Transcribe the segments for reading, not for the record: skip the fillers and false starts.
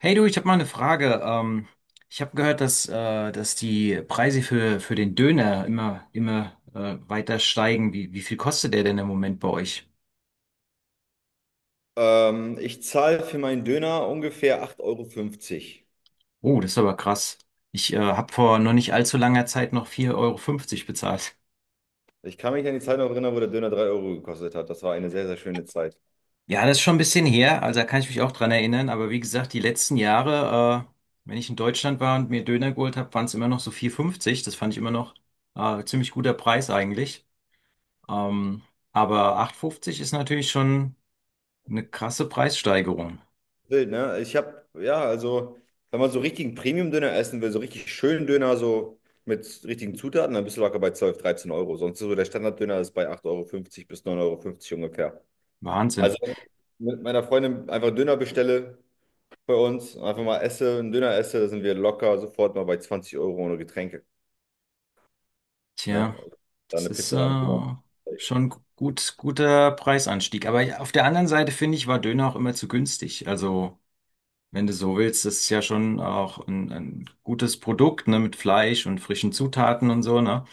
Hey du, ich habe mal eine Frage. Ich habe gehört, dass die Preise für den Döner immer weiter steigen. Wie viel kostet der denn im Moment bei euch? Ich zahle für meinen Döner ungefähr 8,50 Euro. Fünfzig. Oh, das ist aber krass. Ich habe vor noch nicht allzu langer Zeit noch 4,50 € bezahlt. Ich kann mich an die Zeit noch erinnern, wo der Döner 3 Euro gekostet hat. Das war eine sehr, sehr schöne Zeit. Ja, das ist schon ein bisschen her. Also da kann ich mich auch dran erinnern. Aber wie gesagt, die letzten Jahre, wenn ich in Deutschland war und mir Döner geholt habe, waren es immer noch so vier Euro fünfzig. Das fand ich immer noch ziemlich guter Preis eigentlich. Ähm, aber 8,50 € ist natürlich schon eine krasse Preissteigerung. Wild, ne? Ich habe, ja, also, wenn man so richtigen Premium-Döner essen will, so richtig schönen Döner, so mit richtigen Zutaten, dann bist du locker bei 12, 13 Euro. Sonst so der Standard-Döner ist bei 8,50 Euro fünfzig bis 9,50 Euro fünfzig ungefähr. Also, Wahnsinn. wenn ich mit meiner Freundin einfach Döner bestelle bei uns, einfach mal esse, einen Döner esse, sind wir locker sofort mal bei 20 Euro ohne Getränke. Ne? Tja, Da das eine ist Pizza, dann Döner. Schon gut, guter Preisanstieg. Aber auf der anderen Seite finde ich, war Döner auch immer zu günstig. Also, wenn du so willst, das ist ja schon auch ein gutes Produkt, ne, mit Fleisch und frischen Zutaten und so, ne?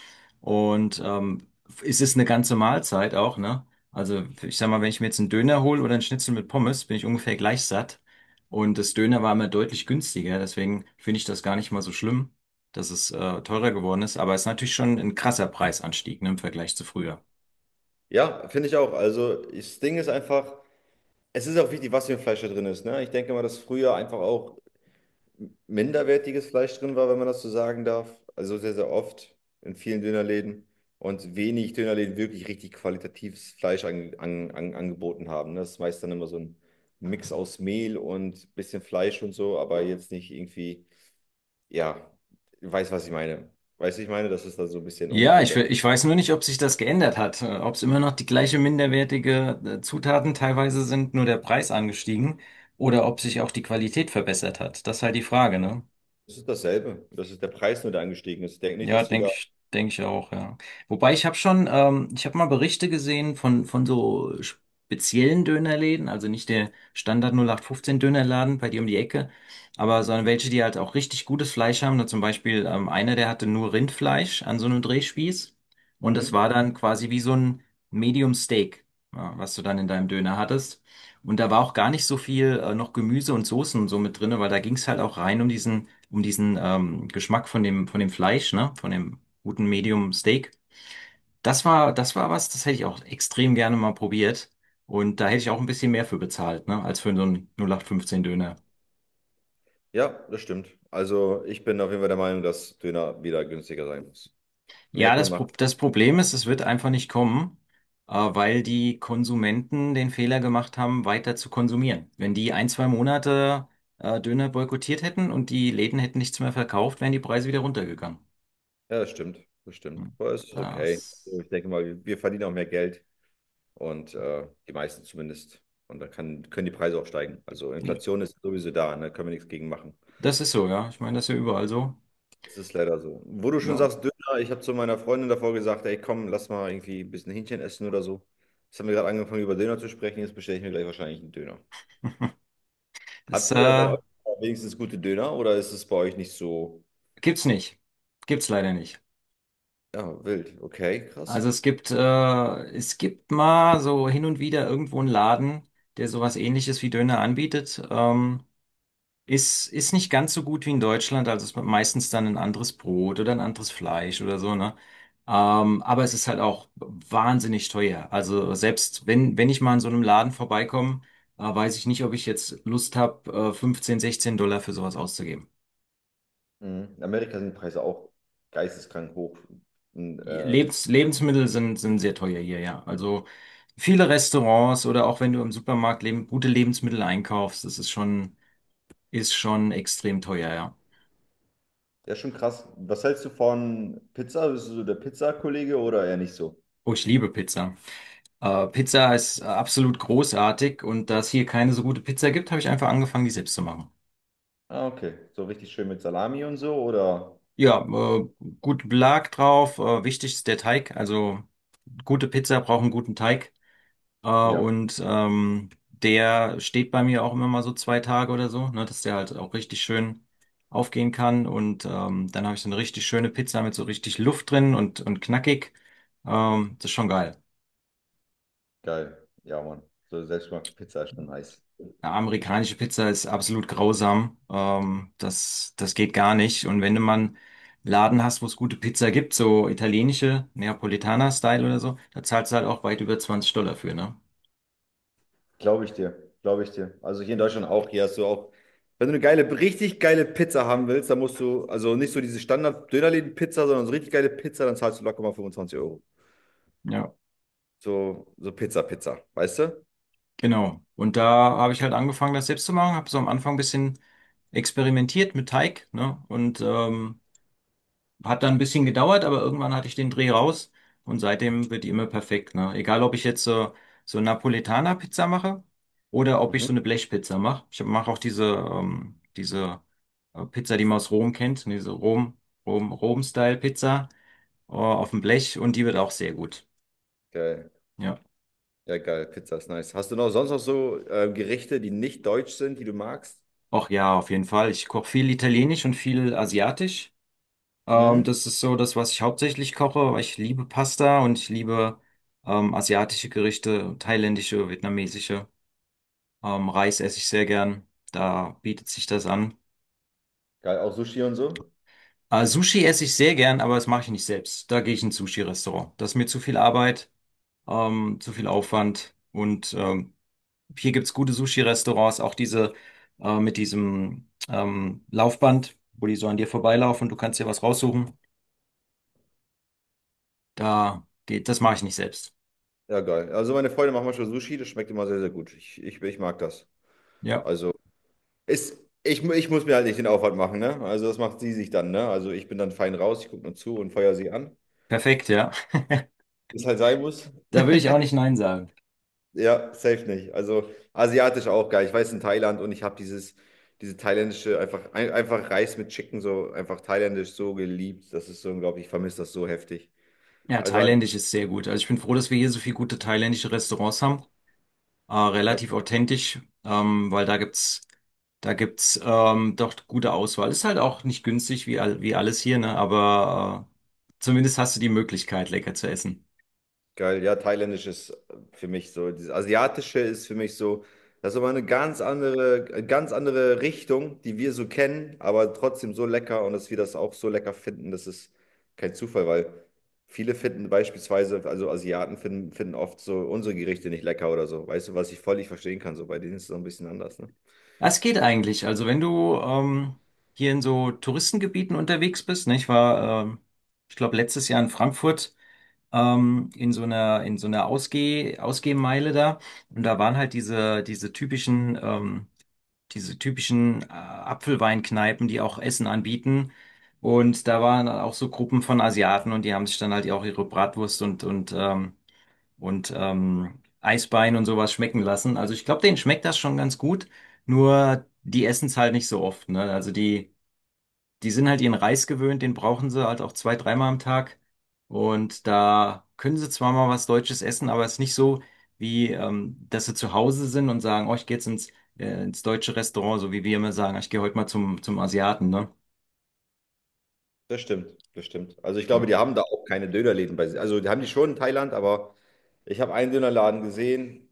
Und es ist eine ganze Mahlzeit auch, ne? Also ich sag mal, wenn ich mir jetzt einen Döner hole oder einen Schnitzel mit Pommes, bin ich ungefähr gleich satt. Und das Döner war immer deutlich günstiger, deswegen finde ich das gar nicht mal so schlimm, dass es teurer geworden ist. Aber es ist natürlich schon ein krasser Preisanstieg, ne, im Vergleich zu früher. Ja, finde ich auch. Also das Ding ist einfach, es ist auch wichtig, was für ein Fleisch da drin ist. Ne? Ich denke mal, dass früher einfach auch minderwertiges Fleisch drin war, wenn man das so sagen darf. Also sehr, sehr oft in vielen Dönerläden und wenig Dönerläden wirklich richtig qualitatives Fleisch angeboten haben. Ne? Das ist meist dann immer so ein Mix aus Mehl und bisschen Fleisch und so, aber jetzt nicht irgendwie, ja, weiß, was ich meine. Weißt du, ich meine, das ist dann so ein bisschen Ja, ungesünder. Ich weiß nur nicht, ob sich das geändert hat, ob es immer noch die gleiche minderwertige Zutaten teilweise sind, nur der Preis angestiegen oder ob sich auch die Qualität verbessert hat. Das ist halt die Frage, ne? Es ist dasselbe. Das ist der Preis nur, der angestiegen ist. Ich denke nicht, dass Ja, die da. Denke ich auch, ja. Wobei ich habe mal Berichte gesehen von so speziellen Dönerläden, also nicht der Standard 0815 Dönerladen bei dir um die Ecke, aber sondern welche, die halt auch richtig gutes Fleisch haben. Da zum Beispiel einer, der hatte nur Rindfleisch an so einem Drehspieß und das Mhm. war dann quasi wie so ein Medium Steak, ja, was du dann in deinem Döner hattest. Und da war auch gar nicht so viel noch Gemüse und Soßen und so mit drinne, weil da ging es halt auch rein um diesen Geschmack von dem Fleisch, ne? Von dem guten Medium Steak. Das war was, das hätte ich auch extrem gerne mal probiert. Und da hätte ich auch ein bisschen mehr für bezahlt, ne? Als für so einen 0815 Döner. Ja, das stimmt. Also ich bin auf jeden Fall der Meinung, dass Döner wieder günstiger sein muss. Ja, Merkel macht. das Problem ist, es wird einfach nicht kommen, weil die Konsumenten den Fehler gemacht haben, weiter zu konsumieren. Wenn die ein, zwei Monate Döner boykottiert hätten und die Läden hätten nichts mehr verkauft, wären die Preise wieder runtergegangen. Ja, das stimmt. Das stimmt. Hm. Aber es ist okay. Also Das, ich denke mal, wir verdienen auch mehr Geld und die meisten zumindest. Und dann können die Preise auch steigen. Also Inflation ist sowieso da, ne? Können wir nichts gegen machen. das ist so, ja. Ich meine, das ist ja überall so. Das ist leider so. Wo du schon Ja. sagst, Döner, ich habe zu meiner Freundin davor gesagt, ey, komm, lass mal irgendwie ein bisschen Hähnchen essen oder so. Jetzt haben wir gerade angefangen, über Döner zu sprechen. Jetzt bestelle ich mir gleich wahrscheinlich einen Döner. Habt Das ihr bei euch wenigstens gute Döner oder ist es bei euch nicht so? gibt's nicht. Gibt's leider nicht. Ja, wild. Okay, krass. Also es gibt mal so hin und wieder irgendwo einen Laden, der sowas Ähnliches wie Döner anbietet. Ist nicht ganz so gut wie in Deutschland. Also es ist meistens dann ein anderes Brot oder ein anderes Fleisch oder so, ne? Aber es ist halt auch wahnsinnig teuer. Also selbst wenn ich mal an so einem Laden vorbeikomme, weiß ich nicht, ob ich jetzt Lust habe, 15, $16 für sowas auszugeben. Mhm. In Amerika sind die Preise auch geisteskrank hoch. Und, Lebensmittel sind sehr teuer hier, ja. Also viele Restaurants oder auch wenn du im Supermarkt leben, gute Lebensmittel einkaufst, das ist schon extrem teuer, ja. ja, schon krass. Was hältst du von Pizza? Bist du so der Pizzakollege oder eher nicht so? Oh, ich liebe Pizza. Pizza ist absolut großartig und da es hier keine so gute Pizza gibt, habe ich einfach angefangen, die selbst zu machen. Ah, okay. So richtig schön mit Salami und so oder? Ja, gut Belag drauf, wichtig ist der Teig. Also gute Pizza braucht einen guten Teig. Äh, Ja, und ähm, der steht bei mir auch immer mal so 2 Tage oder so, ne, dass der halt auch richtig schön aufgehen kann. Und dann habe ich so eine richtig schöne Pizza mit so richtig Luft drin und knackig. Das ist schon geil. geil. Ja, Mann. So selbstgemachte Pizza ist schon nice. Eine amerikanische Pizza ist absolut grausam. Das geht gar nicht. Und wenn du mal einen Laden hast, wo es gute Pizza gibt, so italienische, Neapolitaner-Style oder so, da zahlst du halt auch weit über $20 für, ne? Glaube ich dir, glaube ich dir. Also hier in Deutschland auch, hier hast du auch, wenn du eine geile, richtig geile Pizza haben willst, dann musst du, also nicht so diese Standard-Dönerläden-Pizza, sondern so richtig geile Pizza, dann zahlst du locker mal 25 Euro. Ja. So, so Pizza, Pizza, weißt du? Genau. Und da habe ich halt angefangen, das selbst zu machen, habe so am Anfang ein bisschen experimentiert mit Teig, ne? Und hat dann ein bisschen gedauert, aber irgendwann hatte ich den Dreh raus und seitdem wird die immer perfekt, ne? Egal, ob ich jetzt so Napolitaner-Pizza mache oder ob ich Mhm. so eine Blechpizza mache. Ich mache auch diese Pizza, die man aus Rom kennt, ne? Diese Rom-Style-Pizza auf dem Blech und die wird auch sehr gut. Geil. Ja. Ja, geil, Pizza ist nice. Hast du noch sonst noch so Gerichte, die nicht deutsch sind, die du magst? Ach ja, auf jeden Fall. Ich koche viel Italienisch und viel Asiatisch. Ähm, Mhm. das ist so das, was ich hauptsächlich koche, weil ich liebe Pasta und ich liebe asiatische Gerichte, thailändische, vietnamesische. Reis esse ich sehr gern, da bietet sich das an. Geil, auch Sushi und so? Sushi esse ich sehr gern, aber das mache ich nicht selbst. Da gehe ich in ein Sushi-Restaurant. Das ist mir zu viel Arbeit, zu viel Aufwand. Und hier gibt's gute Sushi-Restaurants, auch diese mit diesem Laufband, wo die so an dir vorbeilaufen und du kannst dir was raussuchen. Da geht, das mache ich nicht selbst. Ja, geil. Also meine Freunde machen manchmal Sushi, das schmeckt immer sehr, sehr gut. Ich mag das. Ja. Also, Ist, ich muss mir halt nicht den Aufwand machen, ne? Also das macht sie sich dann, ne? Also ich bin dann fein raus, ich gucke nur zu und feuer sie an. Perfekt, ja. Ist halt sein muss. Da würde ich auch nicht Nein sagen. Ja, safe nicht. Also asiatisch auch geil. Ich weiß in Thailand und ich habe dieses, diese thailändische, einfach, ein, einfach Reis mit Chicken, so einfach thailändisch so geliebt. Das ist so unglaublich, ich vermisse das so heftig. Ja, Also einfach, thailändisch ist sehr gut. Also ich bin froh, dass wir hier so viele gute thailändische Restaurants haben. Relativ authentisch, weil da gibt's doch gute Auswahl. Ist halt auch nicht günstig wie alles hier, ne? Aber zumindest hast du die Möglichkeit, lecker zu essen. geil, ja, thailändisch ist für mich so, dieses asiatische ist für mich so, das ist aber eine ganz andere Richtung, die wir so kennen, aber trotzdem so lecker und dass wir das auch so lecker finden, das ist kein Zufall, weil viele finden beispielsweise, also Asiaten finden, finden oft so unsere Gerichte nicht lecker oder so, weißt du, was ich völlig verstehen kann, so bei denen ist es so ein bisschen anders, ne? Was geht eigentlich? Also wenn du hier in so Touristengebieten unterwegs bist, ne? Ich glaube, letztes Jahr in Frankfurt, in so einer Ausgehmeile da. Und da waren halt diese typischen Apfelweinkneipen, die auch Essen anbieten. Und da waren dann auch so Gruppen von Asiaten und die haben sich dann halt auch ihre Bratwurst und Eisbein und sowas schmecken lassen. Also ich glaube, denen schmeckt das schon ganz gut, nur die essen es halt nicht so oft, ne? Also die sind halt ihren Reis gewöhnt, den brauchen sie halt auch zwei, dreimal am Tag. Und da können sie zwar mal was Deutsches essen, aber es ist nicht so, wie dass sie zu Hause sind und sagen, oh, ich gehe jetzt ins deutsche Restaurant, so wie wir immer sagen, ich gehe heute mal zum Asiaten, ne? Das stimmt, das stimmt. Also ich glaube, Ja. die haben da auch keine Dönerläden bei sich. Also die haben die schon in Thailand, aber ich habe einen Dönerladen gesehen.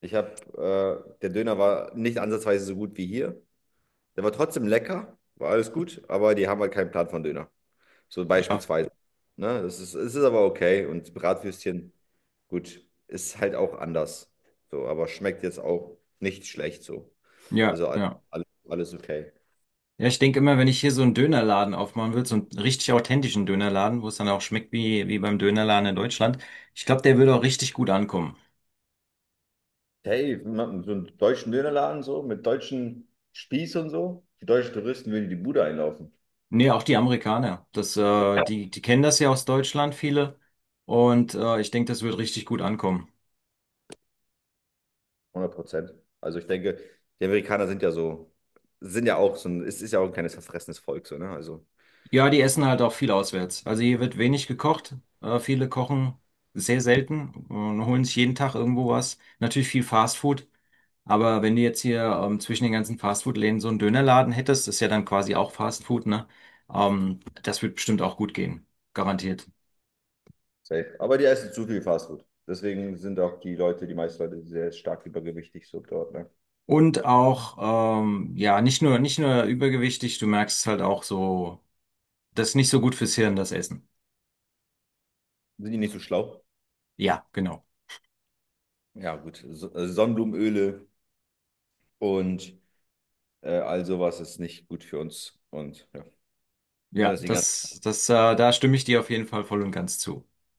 Der Döner war nicht ansatzweise so gut wie hier. Der war trotzdem lecker, war alles gut, aber die haben halt keinen Plan von Döner. So Ja, beispielsweise. Ne? Das ist, es ist aber okay. Und Bratwürstchen, gut, ist halt auch anders. So, aber schmeckt jetzt auch nicht schlecht so. ja, Also alles, ja. alles, alles okay. Ja, ich denke immer, wenn ich hier so einen Dönerladen aufmachen würde, so einen richtig authentischen Dönerladen, wo es dann auch schmeckt wie beim Dönerladen in Deutschland, ich glaube, der würde auch richtig gut ankommen. Hey, so einen deutschen Dönerladen so, mit deutschen Spieß und so. Die deutschen Touristen würden die Bude einlaufen. Nee, auch die Amerikaner. Die kennen das ja aus Deutschland, viele. Und ich denke, das wird richtig gut ankommen. 100%. Also ich denke, die Amerikaner sind ja so, sind ja auch so ein, es ist ja auch ein kleines verfressenes Volk so, ne? Also Ja, die essen halt auch viel auswärts. Also hier wird wenig gekocht. Viele kochen sehr selten und holen sich jeden Tag irgendwo was. Natürlich viel Fastfood. Aber wenn du jetzt hier zwischen den ganzen Fastfood-Läden so einen Dönerladen hättest, ist ja dann quasi auch Fastfood, ne? Das wird bestimmt auch gut gehen. Garantiert. safe. Aber die essen zu viel Fastfood. Deswegen sind auch die Leute, die meisten Leute sehr stark übergewichtig so dort, ne? Und auch, ja, nicht nur übergewichtig, du merkst es halt auch so. Das ist nicht so gut fürs Hirn, das Essen. Sind die nicht so schlau? Ja, genau. Ja, gut. So, Sonnenblumenöle und all sowas ist nicht gut für uns. Und ja, Ja, das ist die da stimme ich dir auf jeden Fall voll und ganz zu.